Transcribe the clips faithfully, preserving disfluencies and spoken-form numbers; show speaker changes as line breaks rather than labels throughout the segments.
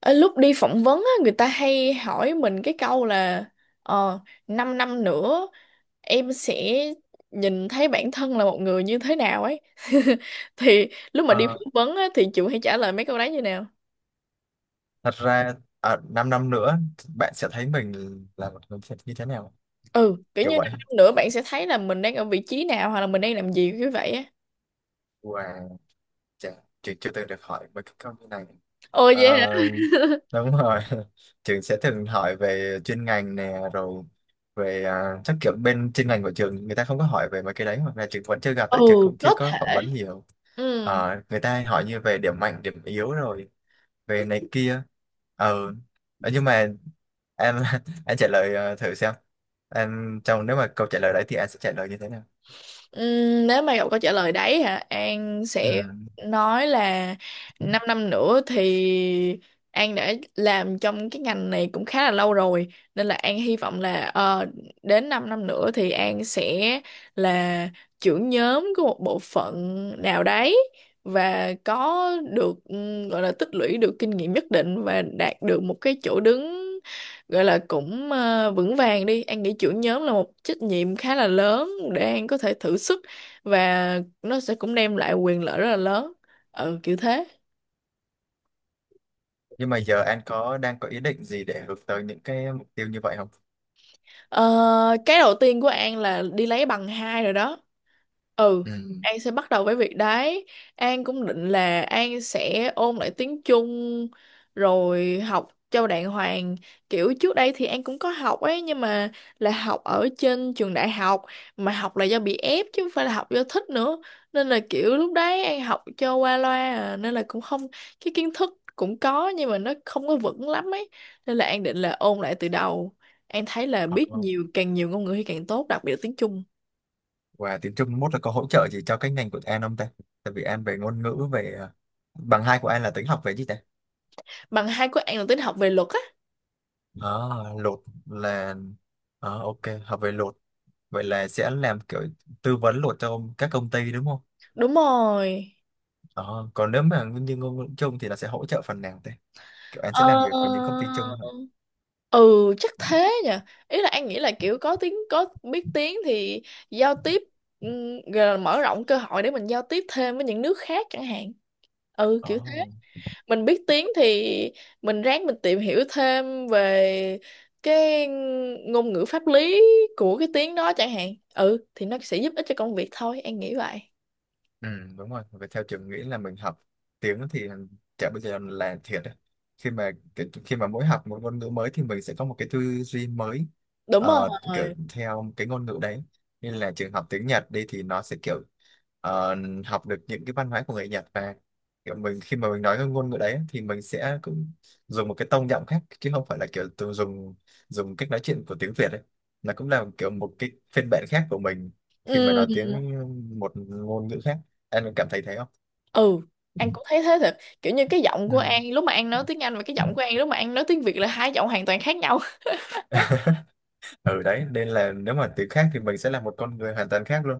Ờ, Lúc đi phỏng vấn á, người ta hay hỏi mình cái câu là ờ, 5 năm nữa em sẽ nhìn thấy bản thân là một người như thế nào ấy. Thì lúc mà đi
Ờ,
phỏng vấn á, thì Trường hay trả lời mấy câu đấy như nào?
thật ra à, 5 năm năm nữa bạn sẽ thấy mình là một người như thế nào,
Ừ, kiểu
kiểu
như 5
vậy.
năm nữa bạn sẽ thấy là mình đang ở vị trí nào hoặc là mình đang làm gì kiểu vậy á.
Wow, chà, trường chưa từng được hỏi về cái câu như này.
Ồ vậy hả?
Ờ, đúng rồi. Trường sẽ thường hỏi về chuyên ngành nè, rồi về, à, chắc kiểu bên chuyên ngành của trường người ta không có hỏi về mấy cái đấy, hoặc là trường vẫn chưa gặp,
Ừ,
tại trường cũng chưa
có
có
thể.
phỏng vấn nhiều.
Ừ.
Ờ, người ta hay hỏi như về điểm mạnh điểm yếu, rồi về này kia. ờ Ờ, nhưng mà em anh trả lời, ờ, thử xem em trong nếu mà câu trả lời đấy thì anh sẽ trả lời như thế nào.
Ừm, nếu mà Ngọc có trả lời đấy hả An
Ừ.
sẽ nói là 5 năm nữa thì An đã làm trong cái ngành này cũng khá là lâu rồi, nên là An hy vọng là ờ, đến 5 năm nữa thì An sẽ là trưởng nhóm của một bộ phận nào đấy và có được ừm, gọi là tích lũy được kinh nghiệm nhất định và đạt được một cái chỗ đứng, gọi là cũng ờ, vững vàng đi. An nghĩ trưởng nhóm là một trách nhiệm khá là lớn để An có thể thử sức, và nó sẽ cũng đem lại quyền lợi rất là lớn, ừ kiểu thế.
Nhưng mà giờ anh có đang có ý định gì để hướng tới những cái mục tiêu như vậy không?
Ờ, cái đầu tiên của An là đi lấy bằng hai rồi đó. Ừ,
Ừ.
An sẽ bắt đầu với việc đấy. An cũng định là An sẽ ôn lại tiếng Trung rồi học cho đàng hoàng. Kiểu trước đây thì An cũng có học ấy, nhưng mà là học ở trên trường đại học, mà học là do bị ép chứ không phải là học do thích nữa. Nên là kiểu lúc đấy An học cho qua loa à, nên là cũng không. Cái kiến thức cũng có nhưng mà nó không có vững lắm ấy. Nên là An định là ôn lại từ đầu. An thấy là biết
Có.
nhiều càng nhiều ngôn ngữ thì càng tốt, đặc biệt là tiếng Trung.
Và tiếng Trung mốt là có hỗ trợ gì cho cái ngành của anh không ta? Tại vì anh về ngôn ngữ, về ờ, bằng hai của anh là tính học về gì ta?
Bằng hai của An là tính học về luật á.
à, Lột là, à, ok. Học về lột vậy là sẽ làm kiểu tư vấn lột cho các công ty, đúng không?
Đúng rồi.
Đó. Còn nếu mà nguyên nhân ngôn ngữ chung thì nó sẽ hỗ trợ phần nào thế? Kiểu anh
ờ
sẽ làm việc với những công ty chung hả?
ừ chắc thế nhỉ. Ý là An nghĩ là kiểu có tiếng có biết tiếng thì giao tiếp, ừm, gọi là mở rộng cơ hội để mình giao tiếp thêm với những nước khác chẳng hạn, ừ kiểu thế.
Đó.
Mình biết tiếng thì mình ráng mình tìm hiểu thêm về cái ngôn ngữ pháp lý của cái tiếng đó chẳng hạn, ừ thì nó sẽ giúp ích cho công việc thôi, An nghĩ vậy.
Ừ, đúng rồi. Và theo trường nghĩ là mình học tiếng thì chả bây giờ là thiệt đấy. Khi mà cái, khi mà mỗi học một ngôn ngữ mới thì mình sẽ có một cái tư duy mới,
Đúng
ờ, kiểu
rồi.
theo cái ngôn ngữ đấy. Nên là trường học tiếng Nhật đi thì nó sẽ kiểu ờ, học được những cái văn hóa của người Nhật. Và kiểu mình, khi mà mình nói cái ngôn ngữ đấy thì mình sẽ cũng dùng một cái tông giọng khác, chứ không phải là kiểu tự dùng dùng cách nói chuyện của tiếng Việt đấy. Nó cũng là kiểu một cái phiên bản khác của mình khi mà nói
Ừ,
tiếng, một ngôn ngữ khác. Anh có cảm thấy thế không?
ừ, An cũng thấy thế thật, kiểu như cái giọng
Ừ.
của An lúc mà An nói tiếng Anh và cái giọng của An lúc mà An nói tiếng Việt là hai giọng hoàn toàn khác nhau.
Ừ, đấy nên là nếu mà tiếng khác thì mình sẽ là một con người hoàn toàn khác luôn.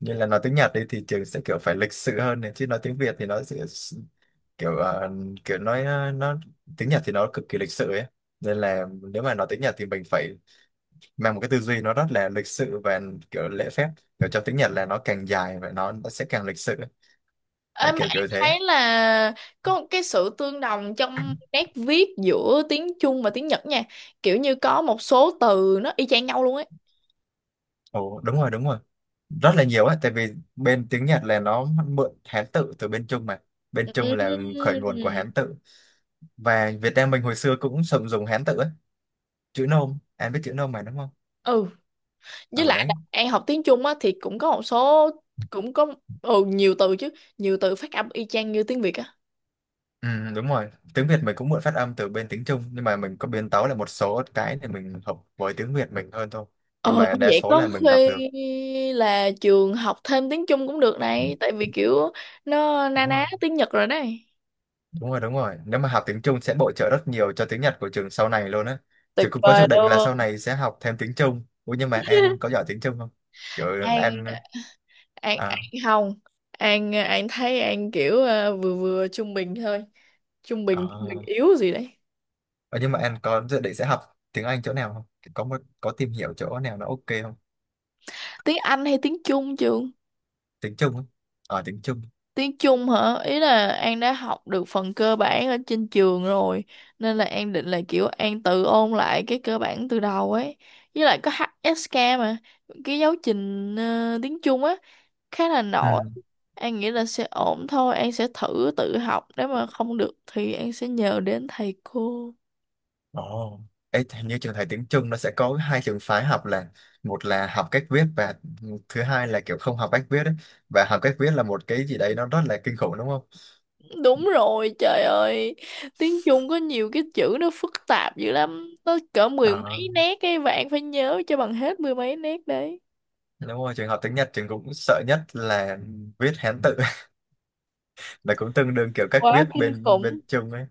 Như là nói tiếng Nhật đi thì trường sẽ kiểu phải lịch sự hơn này, chứ nói tiếng Việt thì nó sẽ s- kiểu, ờ, kiểu nói, ờ, nó tiếng Nhật thì nó cực kỳ lịch sự ấy. Nên là nếu mà nói tiếng Nhật thì mình phải mang một cái tư duy nó rất là lịch sự và kiểu lễ phép. Kiểu trong tiếng Nhật là nó càng dài và nó, nó sẽ càng lịch sự ấy. Đấy,
Ê, mà
kiểu
An
kiểu thế.
thấy là có một cái sự tương đồng trong nét viết giữa tiếng Trung và tiếng Nhật nha, kiểu như có một số từ nó y chang nhau luôn ấy.
Ồ, đúng rồi, đúng rồi, rất là nhiều ấy, tại vì bên tiếng Nhật là nó mượn Hán tự từ bên Trung mà. Bên Trung là khởi nguồn của Hán
Ừm.
tự. Và Việt Nam mình hồi xưa cũng sử dụng Hán tự ấy. Chữ Nôm, anh biết chữ Nôm mà, đúng không?
Ừ, với
Ở
lại
đấy.
là An học tiếng Trung á thì cũng có một số, cũng có, ừ nhiều từ chứ, nhiều từ phát âm y chang như tiếng Việt á.
Ừ, đúng rồi, tiếng Việt mình cũng mượn phát âm từ bên tiếng Trung, nhưng mà mình có biến tấu lại một số cái để mình hợp với tiếng Việt mình hơn thôi. Nhưng
Ờ,
mà
Như
đa
vậy
số là
có
mình đọc
khi
được.
là trường học thêm tiếng Trung cũng được
Ừ,
này, tại vì kiểu nó na
đúng
ná
không?
tiếng Nhật rồi đấy.
Đúng rồi, đúng rồi. Nếu mà học tiếng Trung sẽ bổ trợ rất nhiều cho tiếng Nhật của trường sau này luôn á. Trường
Tuyệt
cũng có dự
vời
định là
luôn.
sau này sẽ học thêm tiếng Trung. Ủa, nhưng mà em có giỏi tiếng Trung không? Kiểu
An,
em à,
An,
à.
An không, An, An thấy An kiểu ờ, vừa vừa trung bình thôi, trung bình, trung bình yếu gì đấy.
Ờ, nhưng mà em có dự định sẽ học tiếng Anh chỗ nào không? Có một- có tìm hiểu chỗ nào nó ok không?
Tiếng Anh hay tiếng Trung trường?
Tiếng Trung á. Ờ, tiếng Trung.
Tiếng Trung hả? Ý là An đã học được phần cơ bản ở trên trường rồi, nên là An định là kiểu An tự ôn lại cái cơ bản từ đầu ấy. Với lại có hát ét ca mà, cái giáo trình ờ, tiếng Trung á khá là nổi.
Ừ.
An nghĩ là sẽ ổn thôi, An sẽ thử tự học, nếu mà không được thì An sẽ nhờ đến thầy cô.
Ồ. Ê, hình như trường thầy tiếng Trung nó sẽ có hai trường phái học là: một là học cách viết, và thứ hai là kiểu không học cách viết ấy. Và học cách viết là một cái gì đấy nó rất là kinh khủng, đúng không?
Đúng rồi, trời ơi. Tiếng Trung có nhiều cái chữ nó phức tạp dữ lắm. Nó cỡ mười
Ờ.
mấy nét ấy và An phải nhớ cho bằng hết mười mấy nét đấy.
Đúng rồi, trường học tiếng Nhật trường cũng sợ nhất là viết Hán tự là cũng tương đương kiểu cách
Quá
viết
kinh
bên
khủng.
bên Trung ấy.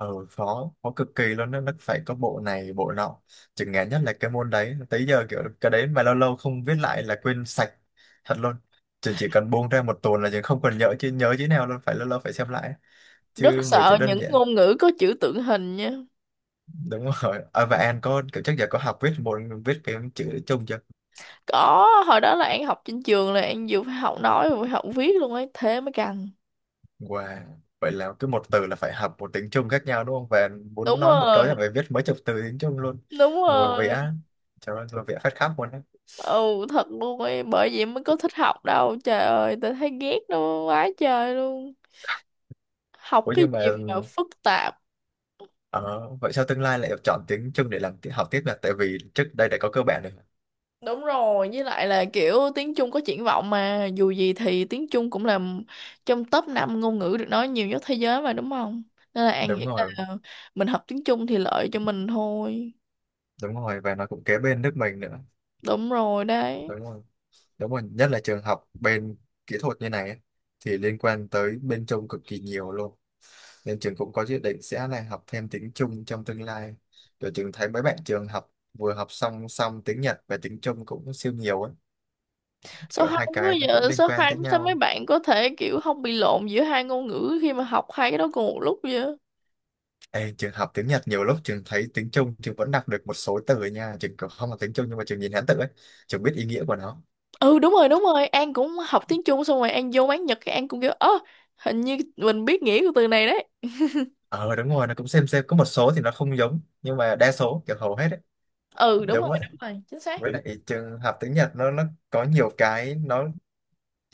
Ừ, khó, khó cực kỳ luôn đó. Nó phải có bộ này, bộ nọ. Trường ngán nhất là cái môn đấy. Tới giờ kiểu cái đấy mà lâu lâu không viết lại là quên sạch thật luôn. Trường chỉ cần buông ra một tuần là trường không còn nhớ chứ nhớ chữ nào luôn, phải lâu lâu phải xem lại.
Rất
Chứ nhiều chữ
sợ
đơn
những
giản.
ngôn ngữ có chữ tượng hình nha.
Đúng rồi. À, và An có kiểu chắc giờ có học viết một viết cái chữ Trung chưa?
Có hồi đó là An học trên trường là An vừa phải học nói vừa phải học viết luôn ấy, thế mới căng.
Wow. Vậy là cứ một từ là phải học một tiếng Trung khác nhau đúng không? Và muốn
Đúng
nói một câu
rồi,
là phải viết mấy chục từ tiếng Trung luôn.
đúng
Ngồi
rồi,
vẽ, trời ơi, ngồi vẽ phát khắp luôn á.
ừ thật luôn ấy, bởi vậy mới có thích học đâu trời ơi, tao thấy ghét nó quá trời luôn. Học
Ủa,
cái
nhưng mà
gì mà phức tạp.
ờ, vậy sao tương lai lại chọn tiếng Trung để làm ti- học tiếp là tại vì trước đây đã có cơ bản rồi.
Đúng rồi, với lại là kiểu tiếng Trung có triển vọng mà, dù gì thì tiếng Trung cũng là trong top năm ngôn ngữ được nói nhiều nhất thế giới mà đúng không? Nên là An
Đúng
nghĩ
rồi,
là mình học tiếng Trung thì lợi cho mình thôi.
đúng rồi, và nó cũng kế bên nước mình nữa.
Đúng rồi đấy.
Đúng rồi. Đúng rồi, nhất là trường học bên kỹ thuật như này á, thì liên quan tới bên Trung cực kỳ nhiều luôn. Nên trường cũng có dự định sẽ là học thêm tiếng Trung trong tương lai. Kiểu trường thấy mấy bạn trường học vừa học song song tiếng Nhật và tiếng Trung cũng siêu nhiều ấy.
Số
Kiểu
hai
hai
quá
cái nó cũng
giờ,
liên
số
quan
hai
tới
sao mấy
nhau.
bạn có thể kiểu không bị lộn giữa hai ngôn ngữ khi mà học hai cái đó cùng một lúc vậy?
Ê, trường học tiếng Nhật nhiều lúc trường thấy tiếng Trung trường vẫn đọc được một số từ nha. Trường cũng không học tiếng Trung nhưng mà trường nhìn Hán tự ấy trường biết ý nghĩa của nó.
Ừ đúng rồi, đúng rồi, An cũng học tiếng Trung xong rồi An vô quán Nhật cái An cũng kiểu, ơ hình như mình biết nghĩa của từ này đấy.
ờ Đúng rồi, nó cũng xem xem có một số thì nó không giống, nhưng mà đa số kiểu hầu hết ấy.
Ừ đúng
Đúng
rồi,
vậy.
đúng rồi, chính xác.
Với lại trường học tiếng Nhật nó nó có nhiều cái, nó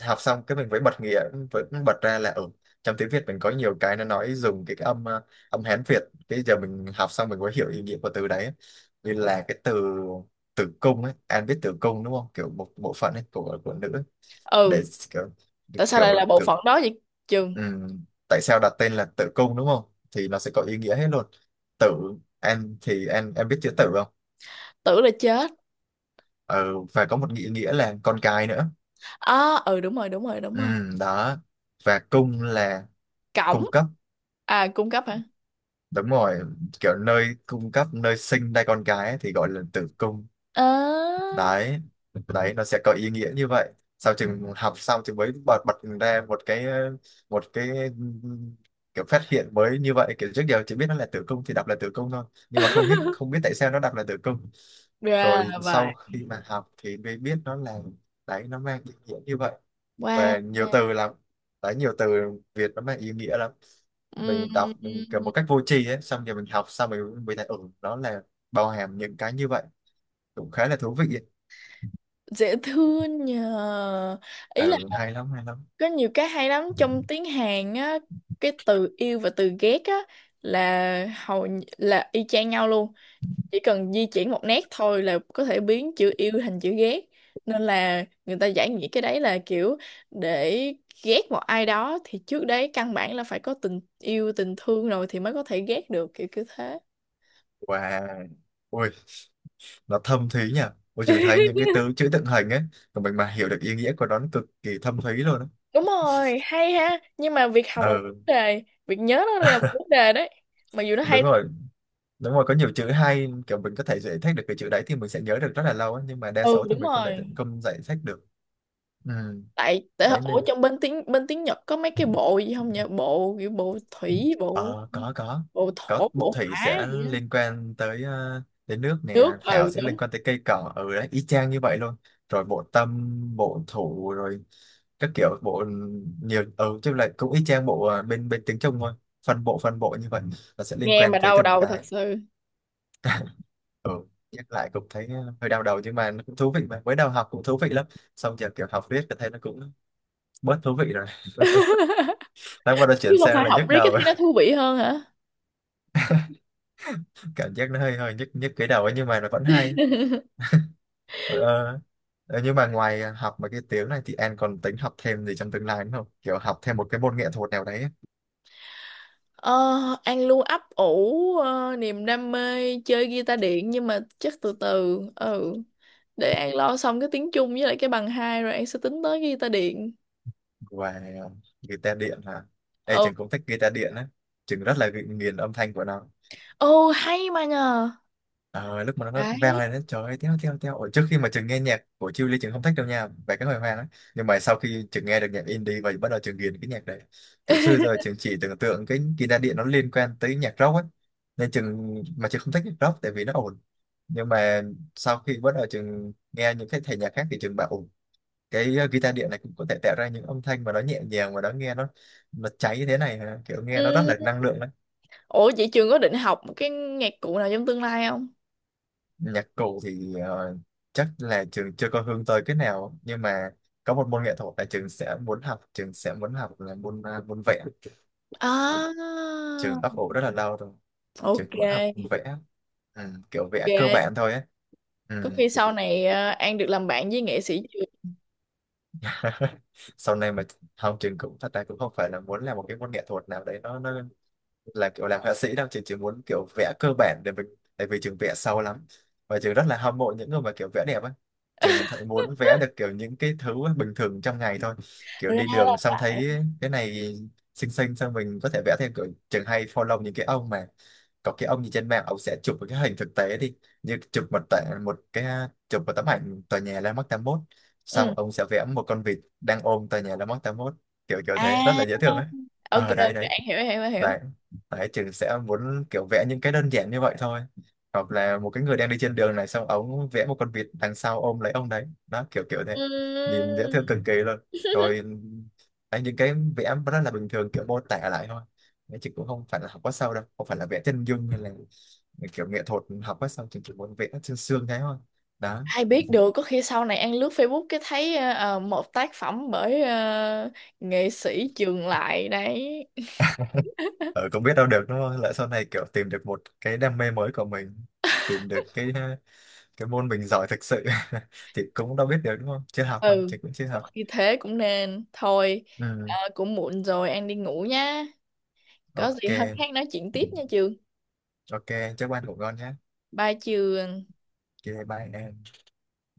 học xong cái mình phải bật nghĩa, vẫn bật ra là ở trong tiếng Việt mình có nhiều cái nó nói dùng cái cái âm ờ, âm Hán Việt. Bây giờ mình học xong mình mới hiểu ý nghĩa của từ đấy. Như là cái từ tử cung ấy, An biết tử cung đúng không, kiểu một bộ phận ấy của của nữ ấy.
Ừ,
Để kiểu
tại sao lại
kiểu
là bộ
tử,
phận đó vậy trường?
ừm, tại sao đặt tên là tử cung đúng không? Thì nó sẽ có ý nghĩa hết luôn. Tử. Em thì em em biết chữ tử không?
Tưởng là chết.
Ừ, và có một nghĩa, nghĩa là con cái nữa.
À ừ đúng rồi, đúng rồi, đúng rồi.
Ừm, đó. Và cung là
Cổng.
cung cấp.
À cung cấp hả?
Đúng rồi, kiểu nơi cung cấp, nơi sinh ra con gái ấy thì gọi là tử cung.
À.
Đấy, đấy nó sẽ có ý nghĩa như vậy. Sau chừng học xong thì mới bật bật ra một cái, một cái kiểu phát hiện mới như vậy. Kiểu trước giờ chỉ biết nó là tử cung thì đọc là tử cung thôi, nhưng mà không biết không biết tại sao nó đọc là tử cung.
Ra
Rồi
là vậy.
sau khi mà học thì mới biết nó là, đấy, nó mang ý nghĩa như vậy.
Wow.
Và nhiều từ lắm. Đấy, nhiều từ Việt nó mang ý nghĩa lắm. Mình đọc
Ừm,
mình kiểu một cách vô tri ấy, xong rồi mình học xong rồi mình thấy ừ, đó là bao hàm những cái như vậy, cũng khá là thú vị ấy.
dễ thương nhờ. Ý là
Ừ, hay lắm, hay lắm.
có nhiều cái hay lắm trong tiếng Hàn á. Cái từ yêu và từ ghét á là hầu như- là y chang nhau luôn, chỉ cần di chuyển một nét thôi là có thể biến chữ yêu thành chữ ghét. Nên là người ta giải nghĩa cái đấy là kiểu để ghét một ai đó thì trước đấy căn bản là phải có tình yêu tình thương rồi thì mới có thể ghét được, kiểu kiểu thế.
Wow, ui, nó thâm thúy nhỉ. Ôi, trường thấy những cái từ chữ tượng hình ấy của mình mà hiểu được ý nghĩa của nó nó cực kỳ thâm thúy luôn á.
Đúng rồi, hay ha, nhưng mà việc học là một vấn
Ừ,
đề, việc nhớ nó là một vấn đề đấy, mặc dù nó hay.
đúng rồi, đúng rồi. Có nhiều chữ hay, kiểu mình có thể giải thích được cái chữ đấy thì mình sẽ nhớ được rất là lâu ấy. Nhưng mà đa
Ừ
số thì
đúng
mình không thể
rồi.
tận công giải thích được. Ừ,
Tại tại
đấy
ở
nên.
trong bên tiếng bên tiếng Nhật có mấy cái bộ gì không nhỉ, bộ kiểu bộ thủy, bộ
Ờ, có có
bộ thổ,
có bộ
bộ
thủy
hỏa
sẽ
gì á.
liên quan tới, ờ, tới nước nè,
Nước
thảo
ừ
sẽ
đúng.
liên quan tới cây cỏ ở đấy, y chang như vậy luôn. Rồi bộ tâm, bộ thủ, rồi các kiểu bộ, nhiều, ừ chứ lại cũng y chang bộ, ờ, bên bên tiếng Trung thôi. Phân bộ, phân bộ như vậy là sẽ liên
Nghe
quan
mà
tới
đau
từng
đầu thật
cái.
sự.
Ừ, nhắc lại cũng thấy ờ, hơi đau đầu, nhưng mà nó cũng thú vị mà. Mới đầu học cũng thú vị lắm, xong giờ kiểu học riết thì thấy nó cũng bớt thú vị rồi. Tới bắt đầu
Chứ
chuyển
không
sang
phải
là
học
nhức
riết cái
đầu.
thấy nó thú vị hơn hả?
Cảm giác nó hơi hơi nhức nhức cái đầu ấy, nhưng mà nó vẫn hay. Ờ, ờ, nhưng mà ngoài học mấy cái tiếng này thì em còn tính học thêm gì trong tương lai nữa không? Kiểu học thêm một cái môn nghệ thuật nào đấy ấy.
ờ, An luôn ấp ủ ờ, niềm đam mê chơi guitar điện nhưng mà chắc từ từ, ừ để An lo xong cái tiếng Trung với lại cái bằng hai rồi An sẽ tính tới guitar điện.
Ngoài ờ, guitar điện là... Ê,
Ừ.
trường cũng thích guitar điện á, trường rất là ghi- nghiền âm thanh của nó.
Ồ hay mà nhờ.
Ờ, lúc mà nó nó vang
Đấy.
lên, nó trời ơi, teo teo teo. Ủa, trước khi mà Trường nghe nhạc của Chiêu Ly, Trường không thích đâu nha, về cái hồi hoang ấy. Nhưng mà sau khi Trường nghe được nhạc indie và bắt đầu Trường ghiền cái nhạc đấy. Kiểu xưa giờ Trường chỉ tưởng tượng cái guitar điện nó liên quan tới nhạc rock ấy. Nên Trường mà Trường không thích nhạc rock tại vì nó ồn. Nhưng mà sau khi bắt đầu Trường nghe những cái thể nhạc khác thì Trường bảo, ổn. Cái ờ, guitar điện này cũng có thể tạo ra những âm thanh mà nó nhẹ nhàng, mà nó nghe, nó nó cháy như thế này hả? Kiểu nghe nó rất là
Ừ.
năng lượng.
Ủa chị Trường có định học một cái nhạc cụ nào trong tương lai không?
Nhạc cụ thì ờ, chắc là trường chưa có hướng tới cái nào, nhưng mà có một môn nghệ thuật là trường sẽ muốn học, trường sẽ muốn học là môn, ờ, môn vẽ. Đó.
À
Trường ấp ủ rất là lâu rồi, trường
ok
muốn học vẽ. Ừ, kiểu vẽ cơ
ok.
bản thôi ấy. Ừ.
Có khi sau này ờ, An được làm bạn với nghệ sĩ Trường.
Sau này mà, không, trường cũng thật ra cũng không phải là muốn làm một cái môn nghệ thuật nào đấy, nó nó là kiểu làm họa sĩ đâu. Trường chỉ muốn kiểu vẽ cơ bản để mình. Tại vì trường vẽ sâu lắm, và trường rất là hâm mộ những người mà kiểu vẽ đẹp á. Trường thấy muốn vẽ được kiểu những cái thứ bình thường trong ngày thôi. Kiểu đi
Ra
đường
là
xong
vậy.
thấy cái này xinh xinh, xong mình có thể vẽ thêm. Kiểu trường hay follow những cái ông mà, có cái ông gì trên mạng ông sẽ chụp một cái hình thực tế đi, như chụp một tệ một cái chụp một tấm ảnh tòa nhà Landmark tám mốt, xong
Ừ.
ông sẽ vẽ một con vịt đang ôm tòa nhà Landmark tám mươi mốt, kiểu kiểu thế, rất
À,
là dễ thương ấy.
ok
Ờ đấy,
ok
đấy,
An hiểu hiểu hiểu.
đấy, đấy, trừ sẽ muốn kiểu vẽ những cái đơn giản như vậy thôi. Hoặc là một cái người đang đi trên đường này xong ống vẽ một con vịt đằng sau ôm lấy ông đấy đó, kiểu kiểu thế. Nhìn dễ
Ừm.
thương cực kỳ luôn. Rồi, đấy, những cái vẽ rất là bình thường kiểu mô tả lại thôi. Đấy, chị cũng không phải là học quá sâu đâu, không phải là vẽ chân dung hay là kiểu nghệ thuật học quá sâu, chị chỉ muốn vẽ sương xương thế thôi đó.
Ai biết được có khi sau này An lướt Facebook cái thấy ờ, ờ, một tác phẩm bởi ờ, nghệ sĩ Trường Lại đấy.
Ở cũng biết đâu được đúng không, lỡ sau này kiểu tìm được một cái đam mê mới của mình, tìm được cái cái môn mình giỏi thực sự. Thì cũng đâu biết được đúng không, chưa học mà
Ừ,
chị cũng chưa
có
học.
khi thế cũng nên. Thôi, ờ,
Ừ.
cũng muộn rồi An đi ngủ nhá. Có gì
Ok,
hôm khác nói chuyện tiếp nha Trường.
ok, chúc bạn ngủ ngon nhé.
Bye Trường.
Ok, bye em.